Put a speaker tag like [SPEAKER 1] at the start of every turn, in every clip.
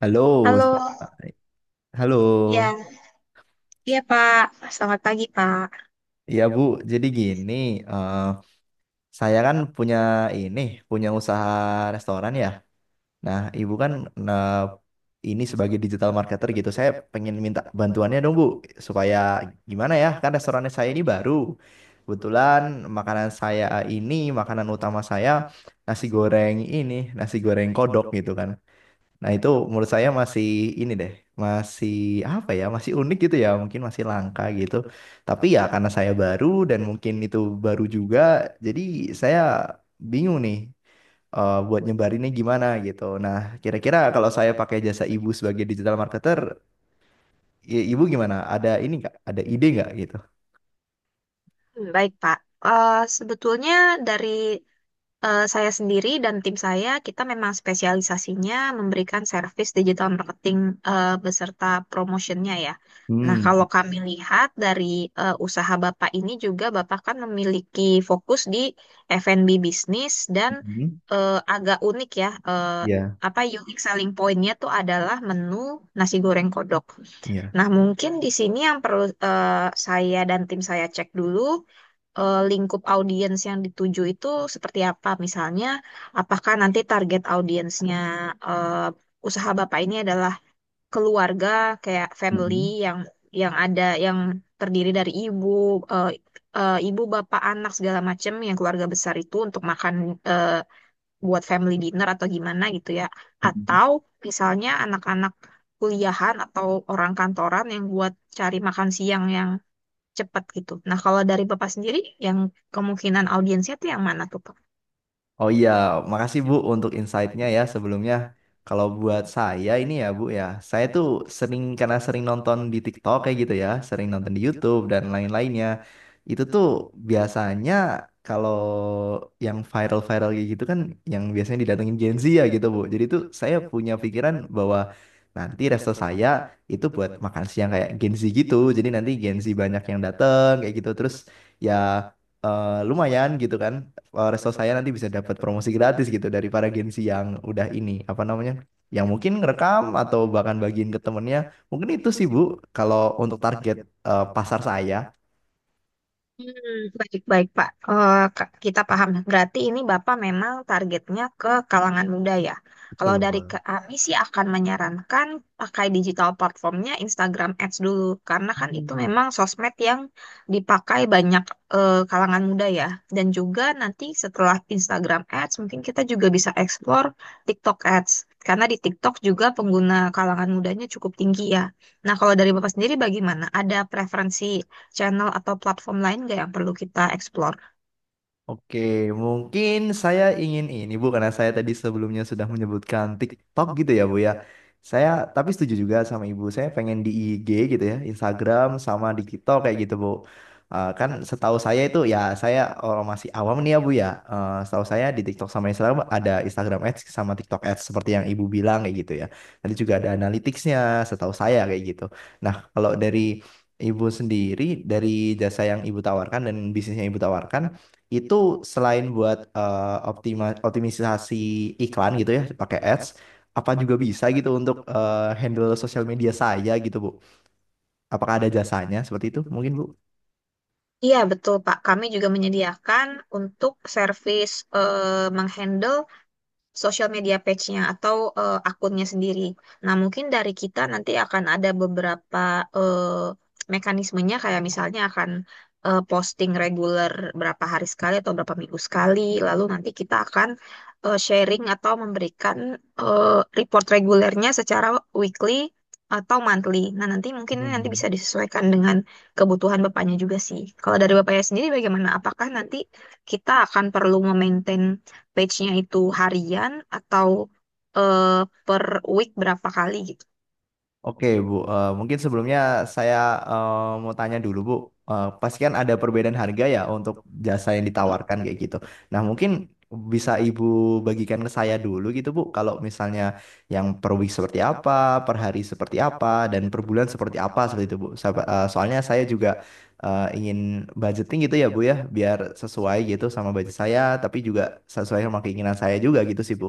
[SPEAKER 1] Halo,
[SPEAKER 2] Halo,
[SPEAKER 1] selamat- halo.
[SPEAKER 2] ya, iya Pak. Selamat pagi Pak.
[SPEAKER 1] Ya Bu, jadi gini, eh, saya kan punya ini, punya usaha restoran ya. Nah, Ibu kan, nah, ini sebagai digital marketer gitu, saya pengen minta bantuannya dong Bu, supaya gimana ya, kan restorannya saya ini baru. Kebetulan makanan saya ini, makanan utama saya nasi goreng ini, nasi goreng kodok gitu kan. Nah, itu menurut saya masih ini deh, masih apa ya, masih unik gitu ya, mungkin masih langka gitu. Tapi ya karena saya baru dan mungkin itu baru juga, jadi saya bingung nih, buat nyebarinnya gimana gitu. Nah, kira-kira kalau saya pakai jasa ibu sebagai digital marketer, ibu gimana? Ada ini nggak? Ada ide nggak gitu?
[SPEAKER 2] Hmm, Baik, Pak. Sebetulnya dari saya sendiri dan tim saya, kita memang spesialisasinya memberikan servis digital marketing beserta promotionnya ya. Nah,
[SPEAKER 1] Hmm.
[SPEAKER 2] kalau kami lihat dari usaha Bapak ini juga, Bapak kan memiliki fokus di F&B bisnis dan
[SPEAKER 1] Mhm.
[SPEAKER 2] agak unik ya.
[SPEAKER 1] Ya,
[SPEAKER 2] Apa unique selling point-nya tuh adalah menu nasi goreng kodok.
[SPEAKER 1] ya.
[SPEAKER 2] Nah, mungkin di sini yang perlu saya dan tim saya cek dulu lingkup audiens yang dituju itu seperti apa. Misalnya, apakah nanti target audiensnya eh, usaha Bapak ini adalah keluarga, kayak family
[SPEAKER 1] Mhm.
[SPEAKER 2] yang yang ada yang terdiri dari eh, ibu, bapak, anak segala macam yang keluarga besar itu untuk makan eh, buat family dinner atau gimana gitu ya.
[SPEAKER 1] Mhm.
[SPEAKER 2] Atau misalnya anak-anak kuliahan atau orang kantoran yang buat cari makan siang yang cepat gitu. Nah, kalau dari Bapak sendiri yang kemungkinan audiensnya tuh yang mana tuh, Pak?
[SPEAKER 1] Oh iya, makasih Bu untuk insight-nya ya sebelumnya. Kalau buat saya ini ya Bu ya, saya tuh sering karena sering nonton di TikTok kayak gitu ya, sering nonton di YouTube dan lain-lainnya. Itu tuh biasanya kalau yang viral-viral kayak gitu kan yang biasanya didatengin Gen Z ya gitu Bu. Jadi tuh saya punya pikiran bahwa nanti resto saya itu buat makan siang kayak Gen Z gitu. Jadi nanti Gen Z banyak yang dateng kayak gitu. Terus ya, lumayan gitu kan, resto saya nanti bisa dapat promosi gratis gitu dari para Gen yang udah ini apa namanya, yang mungkin ngerekam atau bahkan bagiin ke temennya, mungkin itu sih Bu kalau untuk target, pasar saya.
[SPEAKER 2] Hmm, Baik-baik, Pak. Kak, kita paham. Berarti ini Bapak memang targetnya ke kalangan muda ya. Kalau
[SPEAKER 1] Betul.
[SPEAKER 2] dari kami sih akan menyarankan pakai digital platformnya Instagram Ads dulu. Karena kan itu memang sosmed yang dipakai banyak kalangan muda ya. Dan juga nanti setelah Instagram Ads mungkin kita juga bisa explore TikTok Ads. Karena di TikTok juga pengguna kalangan mudanya cukup tinggi ya. Nah, kalau dari Bapak sendiri bagaimana? Ada preferensi channel atau platform lain nggak yang perlu kita explore?
[SPEAKER 1] Oke, mungkin saya ingin ini Bu karena saya tadi sebelumnya sudah menyebutkan TikTok gitu ya Bu ya. Saya tapi setuju juga sama Ibu. Saya pengen di IG gitu ya, Instagram sama di TikTok kayak gitu Bu. Kan setahu saya itu ya, saya orang masih awam nih ya Bu ya. Setahu saya di TikTok sama Instagram ada Instagram Ads sama TikTok Ads seperti yang Ibu bilang kayak gitu ya. Tadi juga ada analyticsnya setahu saya kayak gitu. Nah, kalau dari Ibu sendiri, dari jasa yang ibu tawarkan dan bisnis yang ibu tawarkan itu, selain buat optimisasi iklan gitu ya pakai ads, apa juga bisa gitu untuk handle sosial media saya gitu Bu, apakah ada jasanya seperti itu mungkin Bu?
[SPEAKER 2] Iya, betul, Pak. Kami juga menyediakan untuk servis menghandle social media page-nya atau akunnya sendiri. Nah, mungkin dari kita nanti akan ada beberapa eh, mekanismenya, kayak misalnya akan posting reguler berapa hari sekali atau berapa minggu sekali. Lalu nanti kita akan sharing atau memberikan report regulernya secara weekly atau monthly. Nah, nanti mungkin ini nanti
[SPEAKER 1] Hmm.
[SPEAKER 2] bisa disesuaikan dengan kebutuhan bapaknya juga sih. Kalau dari bapaknya sendiri bagaimana? Apakah nanti kita akan perlu memaintain page-nya itu harian atau eh, per week berapa kali gitu.
[SPEAKER 1] Oke, Bu. Mungkin sebelumnya saya, eh, mau tanya dulu, Bu. Eh, pasti kan ada perbedaan harga ya untuk jasa yang ditawarkan kayak gitu. Nah, mungkin bisa Ibu bagikan ke saya dulu gitu, Bu. Kalau misalnya yang per week seperti apa, per hari seperti apa, dan per bulan seperti apa seperti itu, Bu. Soalnya saya juga, ingin budgeting gitu ya, Bu ya, biar sesuai gitu sama budget saya, tapi juga sesuai sama keinginan saya juga gitu sih, Bu.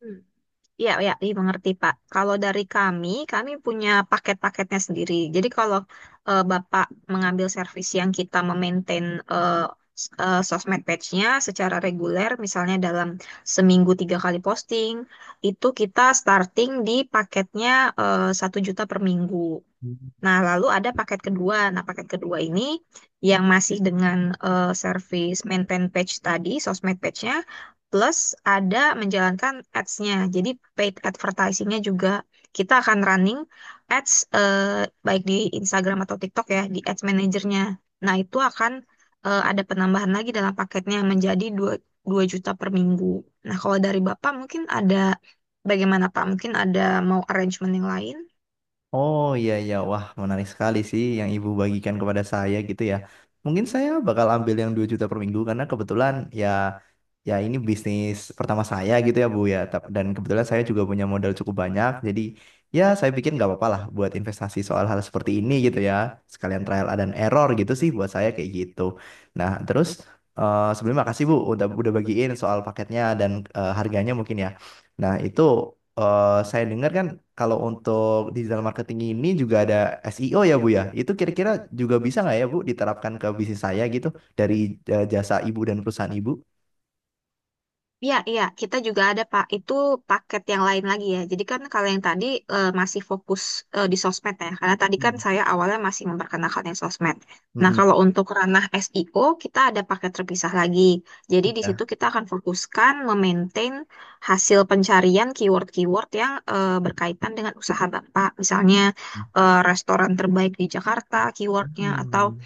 [SPEAKER 2] Hmm. Iya, ya, dimengerti, Pak. Kalau dari kami, kami punya paket-paketnya sendiri. Jadi kalau Bapak mengambil servis yang kita memaintain eh, sosmed page-nya secara reguler, misalnya dalam seminggu tiga kali posting, itu kita starting di paketnya 1 juta per minggu. Nah, lalu ada paket kedua. Nah, paket kedua ini yang masih dengan service maintain page tadi, sosmed page-nya, plus ada menjalankan ads-nya. Jadi paid advertising-nya juga kita akan running ads baik di Instagram atau TikTok ya, di ads manajernya. Nah, itu akan ada penambahan lagi dalam paketnya menjadi 2 2 juta per minggu. Nah, kalau dari Bapak mungkin ada, bagaimana Pak? Mungkin ada mau arrangement yang lain?
[SPEAKER 1] Oh iya iya, wah menarik sekali sih yang ibu bagikan kepada saya gitu ya. Mungkin saya bakal ambil yang 2 juta per minggu karena kebetulan ya, ya ini bisnis pertama saya gitu ya Bu ya. Dan kebetulan saya juga punya modal cukup banyak, jadi ya saya pikir nggak apa-apa lah buat investasi soal hal seperti ini gitu ya. Sekalian trial dan error gitu sih buat saya kayak gitu. Nah, terus, sebelumnya makasih Bu udah bagiin soal paketnya dan, harganya mungkin ya. Nah, itu saya dengar kan kalau untuk digital marketing ini juga ada SEO ya Bu ya. Itu kira-kira juga bisa nggak ya Bu diterapkan ke bisnis saya gitu, dari, jasa Ibu dan perusahaan Ibu?
[SPEAKER 2] Iya, iya, kita juga ada Pak. Itu paket yang lain lagi ya. Jadi kan kalau yang tadi masih fokus di sosmed ya, karena tadi kan
[SPEAKER 1] Hmm.
[SPEAKER 2] saya awalnya masih memperkenalkan yang sosmed. Nah,
[SPEAKER 1] Mm-mm.
[SPEAKER 2] kalau untuk ranah SEO, kita ada paket terpisah lagi. Jadi di situ
[SPEAKER 1] Ya.
[SPEAKER 2] kita akan fokuskan memaintain hasil pencarian keyword-keyword yang berkaitan dengan usaha Bapak. Misalnya
[SPEAKER 1] Hmm.
[SPEAKER 2] restoran terbaik di Jakarta, keywordnya, atau
[SPEAKER 1] Hmm.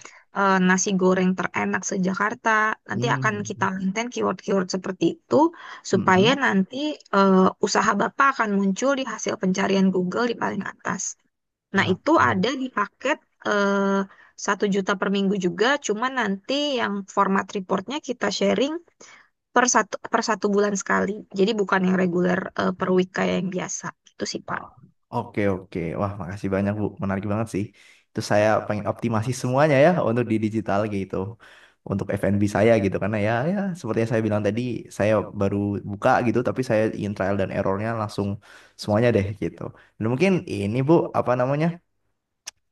[SPEAKER 2] nasi goreng terenak se-Jakarta. Nanti akan kita maintain keyword-keyword seperti itu supaya
[SPEAKER 1] Mm-mm.
[SPEAKER 2] nanti usaha Bapak akan muncul di hasil pencarian Google di paling atas. Nah,
[SPEAKER 1] Ah.
[SPEAKER 2] itu ada di paket eh, 1 juta per minggu juga, cuman nanti yang format reportnya kita sharing per satu bulan sekali. Jadi bukan yang reguler per week kayak yang biasa. Itu sih, Pak.
[SPEAKER 1] Ah. Oke, oke. Wah, makasih banyak, Bu. Menarik banget sih. Itu saya pengen optimasi semuanya ya untuk di digital gitu. Untuk F&B saya gitu. Karena ya, ya seperti yang saya bilang tadi, saya baru buka gitu, tapi saya ingin trial dan errornya langsung semuanya deh gitu. Dan mungkin ini, Bu, apa namanya?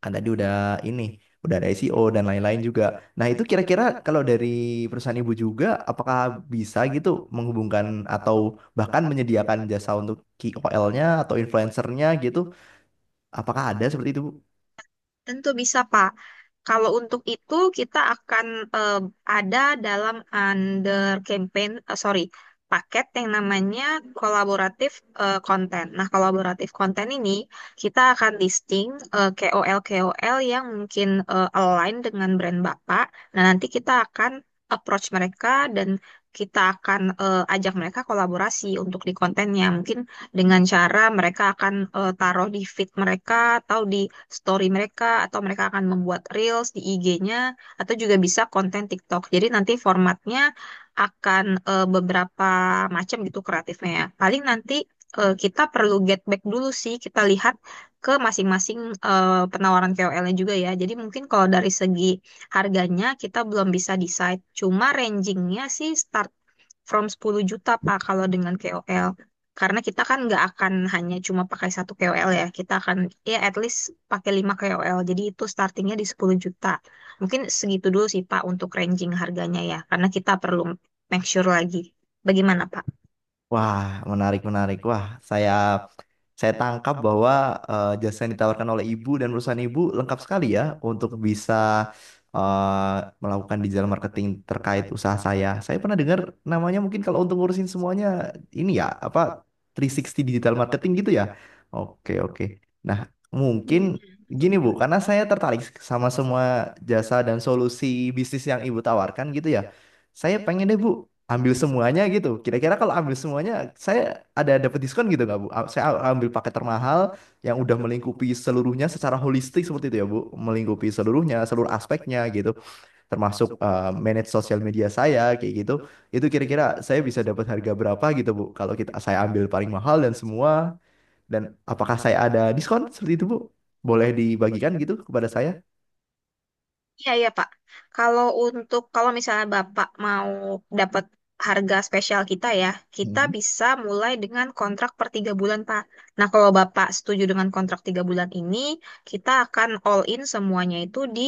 [SPEAKER 1] Kan tadi udah ini, udah ada SEO dan lain-lain juga. Nah, itu kira-kira kalau dari perusahaan ibu juga, apakah bisa gitu menghubungkan atau bahkan menyediakan jasa untuk KOL-nya atau influencernya gitu? Apakah ada seperti itu, Bu?
[SPEAKER 2] Tentu bisa, Pak. Kalau untuk itu kita akan eh, ada dalam under campaign, eh, sorry, paket yang namanya kolaboratif konten. Nah, kolaboratif konten ini kita akan listing KOL-KOL yang mungkin align dengan brand Bapak. Nah, nanti kita akan approach mereka dan kita akan ajak mereka kolaborasi untuk di kontennya. Mungkin dengan cara mereka akan taruh di feed mereka atau di story mereka atau mereka akan membuat reels di IG-nya atau juga bisa konten TikTok. Jadi nanti formatnya akan beberapa macam gitu kreatifnya ya. Paling nanti kita perlu get back dulu sih, kita lihat ke masing-masing penawaran KOL-nya juga ya. Jadi mungkin kalau dari segi harganya kita belum bisa decide. Cuma rangingnya sih start from 10 juta Pak kalau dengan KOL. Karena kita kan nggak akan hanya cuma pakai satu KOL ya. Kita akan, ya, at least pakai 5 KOL. Jadi itu startingnya di 10 juta. Mungkin segitu dulu sih Pak untuk ranging harganya ya. Karena kita perlu make sure lagi. Bagaimana Pak?
[SPEAKER 1] Wah, menarik, menarik. Wah, saya tangkap bahwa, jasa yang ditawarkan oleh ibu dan perusahaan ibu lengkap sekali ya untuk bisa, melakukan digital marketing terkait usaha saya. Saya pernah dengar namanya, mungkin kalau untuk ngurusin semuanya ini ya apa, 360 digital marketing gitu ya. Oke, oke. Nah, mungkin gini Bu, karena saya tertarik sama semua jasa dan solusi bisnis yang Ibu tawarkan gitu ya. Saya pengen deh Bu ambil semuanya gitu. Kira-kira kalau ambil semuanya, saya ada dapat diskon gitu nggak Bu? Saya ambil paket termahal yang udah melingkupi seluruhnya secara holistik seperti itu ya Bu, melingkupi seluruhnya, seluruh aspeknya gitu, termasuk, manage sosial media saya kayak gitu. Itu kira-kira saya bisa dapat harga berapa gitu Bu? Kalau saya ambil paling mahal dan semua, dan apakah saya ada diskon seperti itu Bu? Boleh dibagikan gitu kepada saya?
[SPEAKER 2] Iya, iya, Pak. Kalau misalnya Bapak mau dapat harga spesial kita ya, kita
[SPEAKER 1] Mhm.
[SPEAKER 2] bisa mulai dengan kontrak per 3 bulan, Pak. Nah, kalau Bapak setuju dengan kontrak 3 bulan ini, kita akan all in semuanya itu di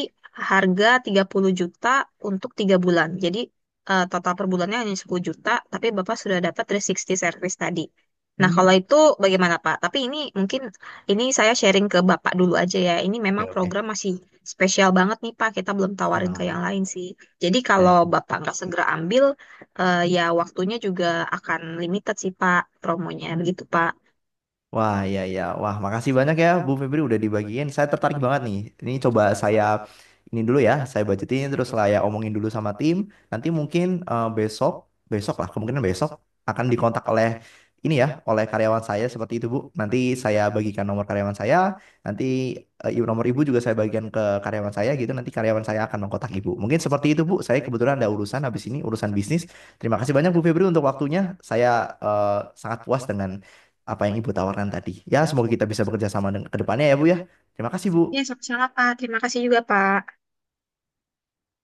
[SPEAKER 2] harga 30 juta untuk 3 bulan. Jadi total per bulannya hanya 10 juta, tapi Bapak sudah dapat 360 service tadi. Nah,
[SPEAKER 1] Hmm.
[SPEAKER 2] kalau itu bagaimana, Pak? Tapi ini mungkin ini saya sharing ke Bapak dulu aja ya. Ini memang
[SPEAKER 1] Oke, oke.
[SPEAKER 2] program masih spesial banget nih Pak, kita belum tawarin ke yang
[SPEAKER 1] Wah,
[SPEAKER 2] lain sih. Jadi kalau
[SPEAKER 1] ya.
[SPEAKER 2] Bapak nggak segera ambil, ya waktunya juga akan limited sih Pak, promonya begitu Pak.
[SPEAKER 1] Wah, ya, ya. Wah, makasih banyak ya, Bu Febri udah dibagiin. Saya tertarik banget nih. Ini coba saya ini dulu ya, saya budgetin terus saya omongin dulu sama tim. Nanti mungkin, besok, besok lah, kemungkinan besok akan dikontak oleh ini ya, oleh karyawan saya seperti itu, Bu. Nanti saya bagikan nomor karyawan saya, nanti, nomor Ibu juga saya bagikan ke karyawan saya gitu. Nanti karyawan saya akan mengkontak Ibu. Mungkin seperti itu, Bu. Saya kebetulan ada urusan habis ini, urusan bisnis. Terima kasih banyak Bu Febri untuk waktunya. Saya, eh, sangat puas dengan apa yang Ibu tawarkan tadi. Ya, semoga kita bisa bekerja sama ke depannya ya, Bu ya. Terima kasih,
[SPEAKER 2] Ya,
[SPEAKER 1] Bu.
[SPEAKER 2] sama-sama Pak. Terima kasih juga Pak.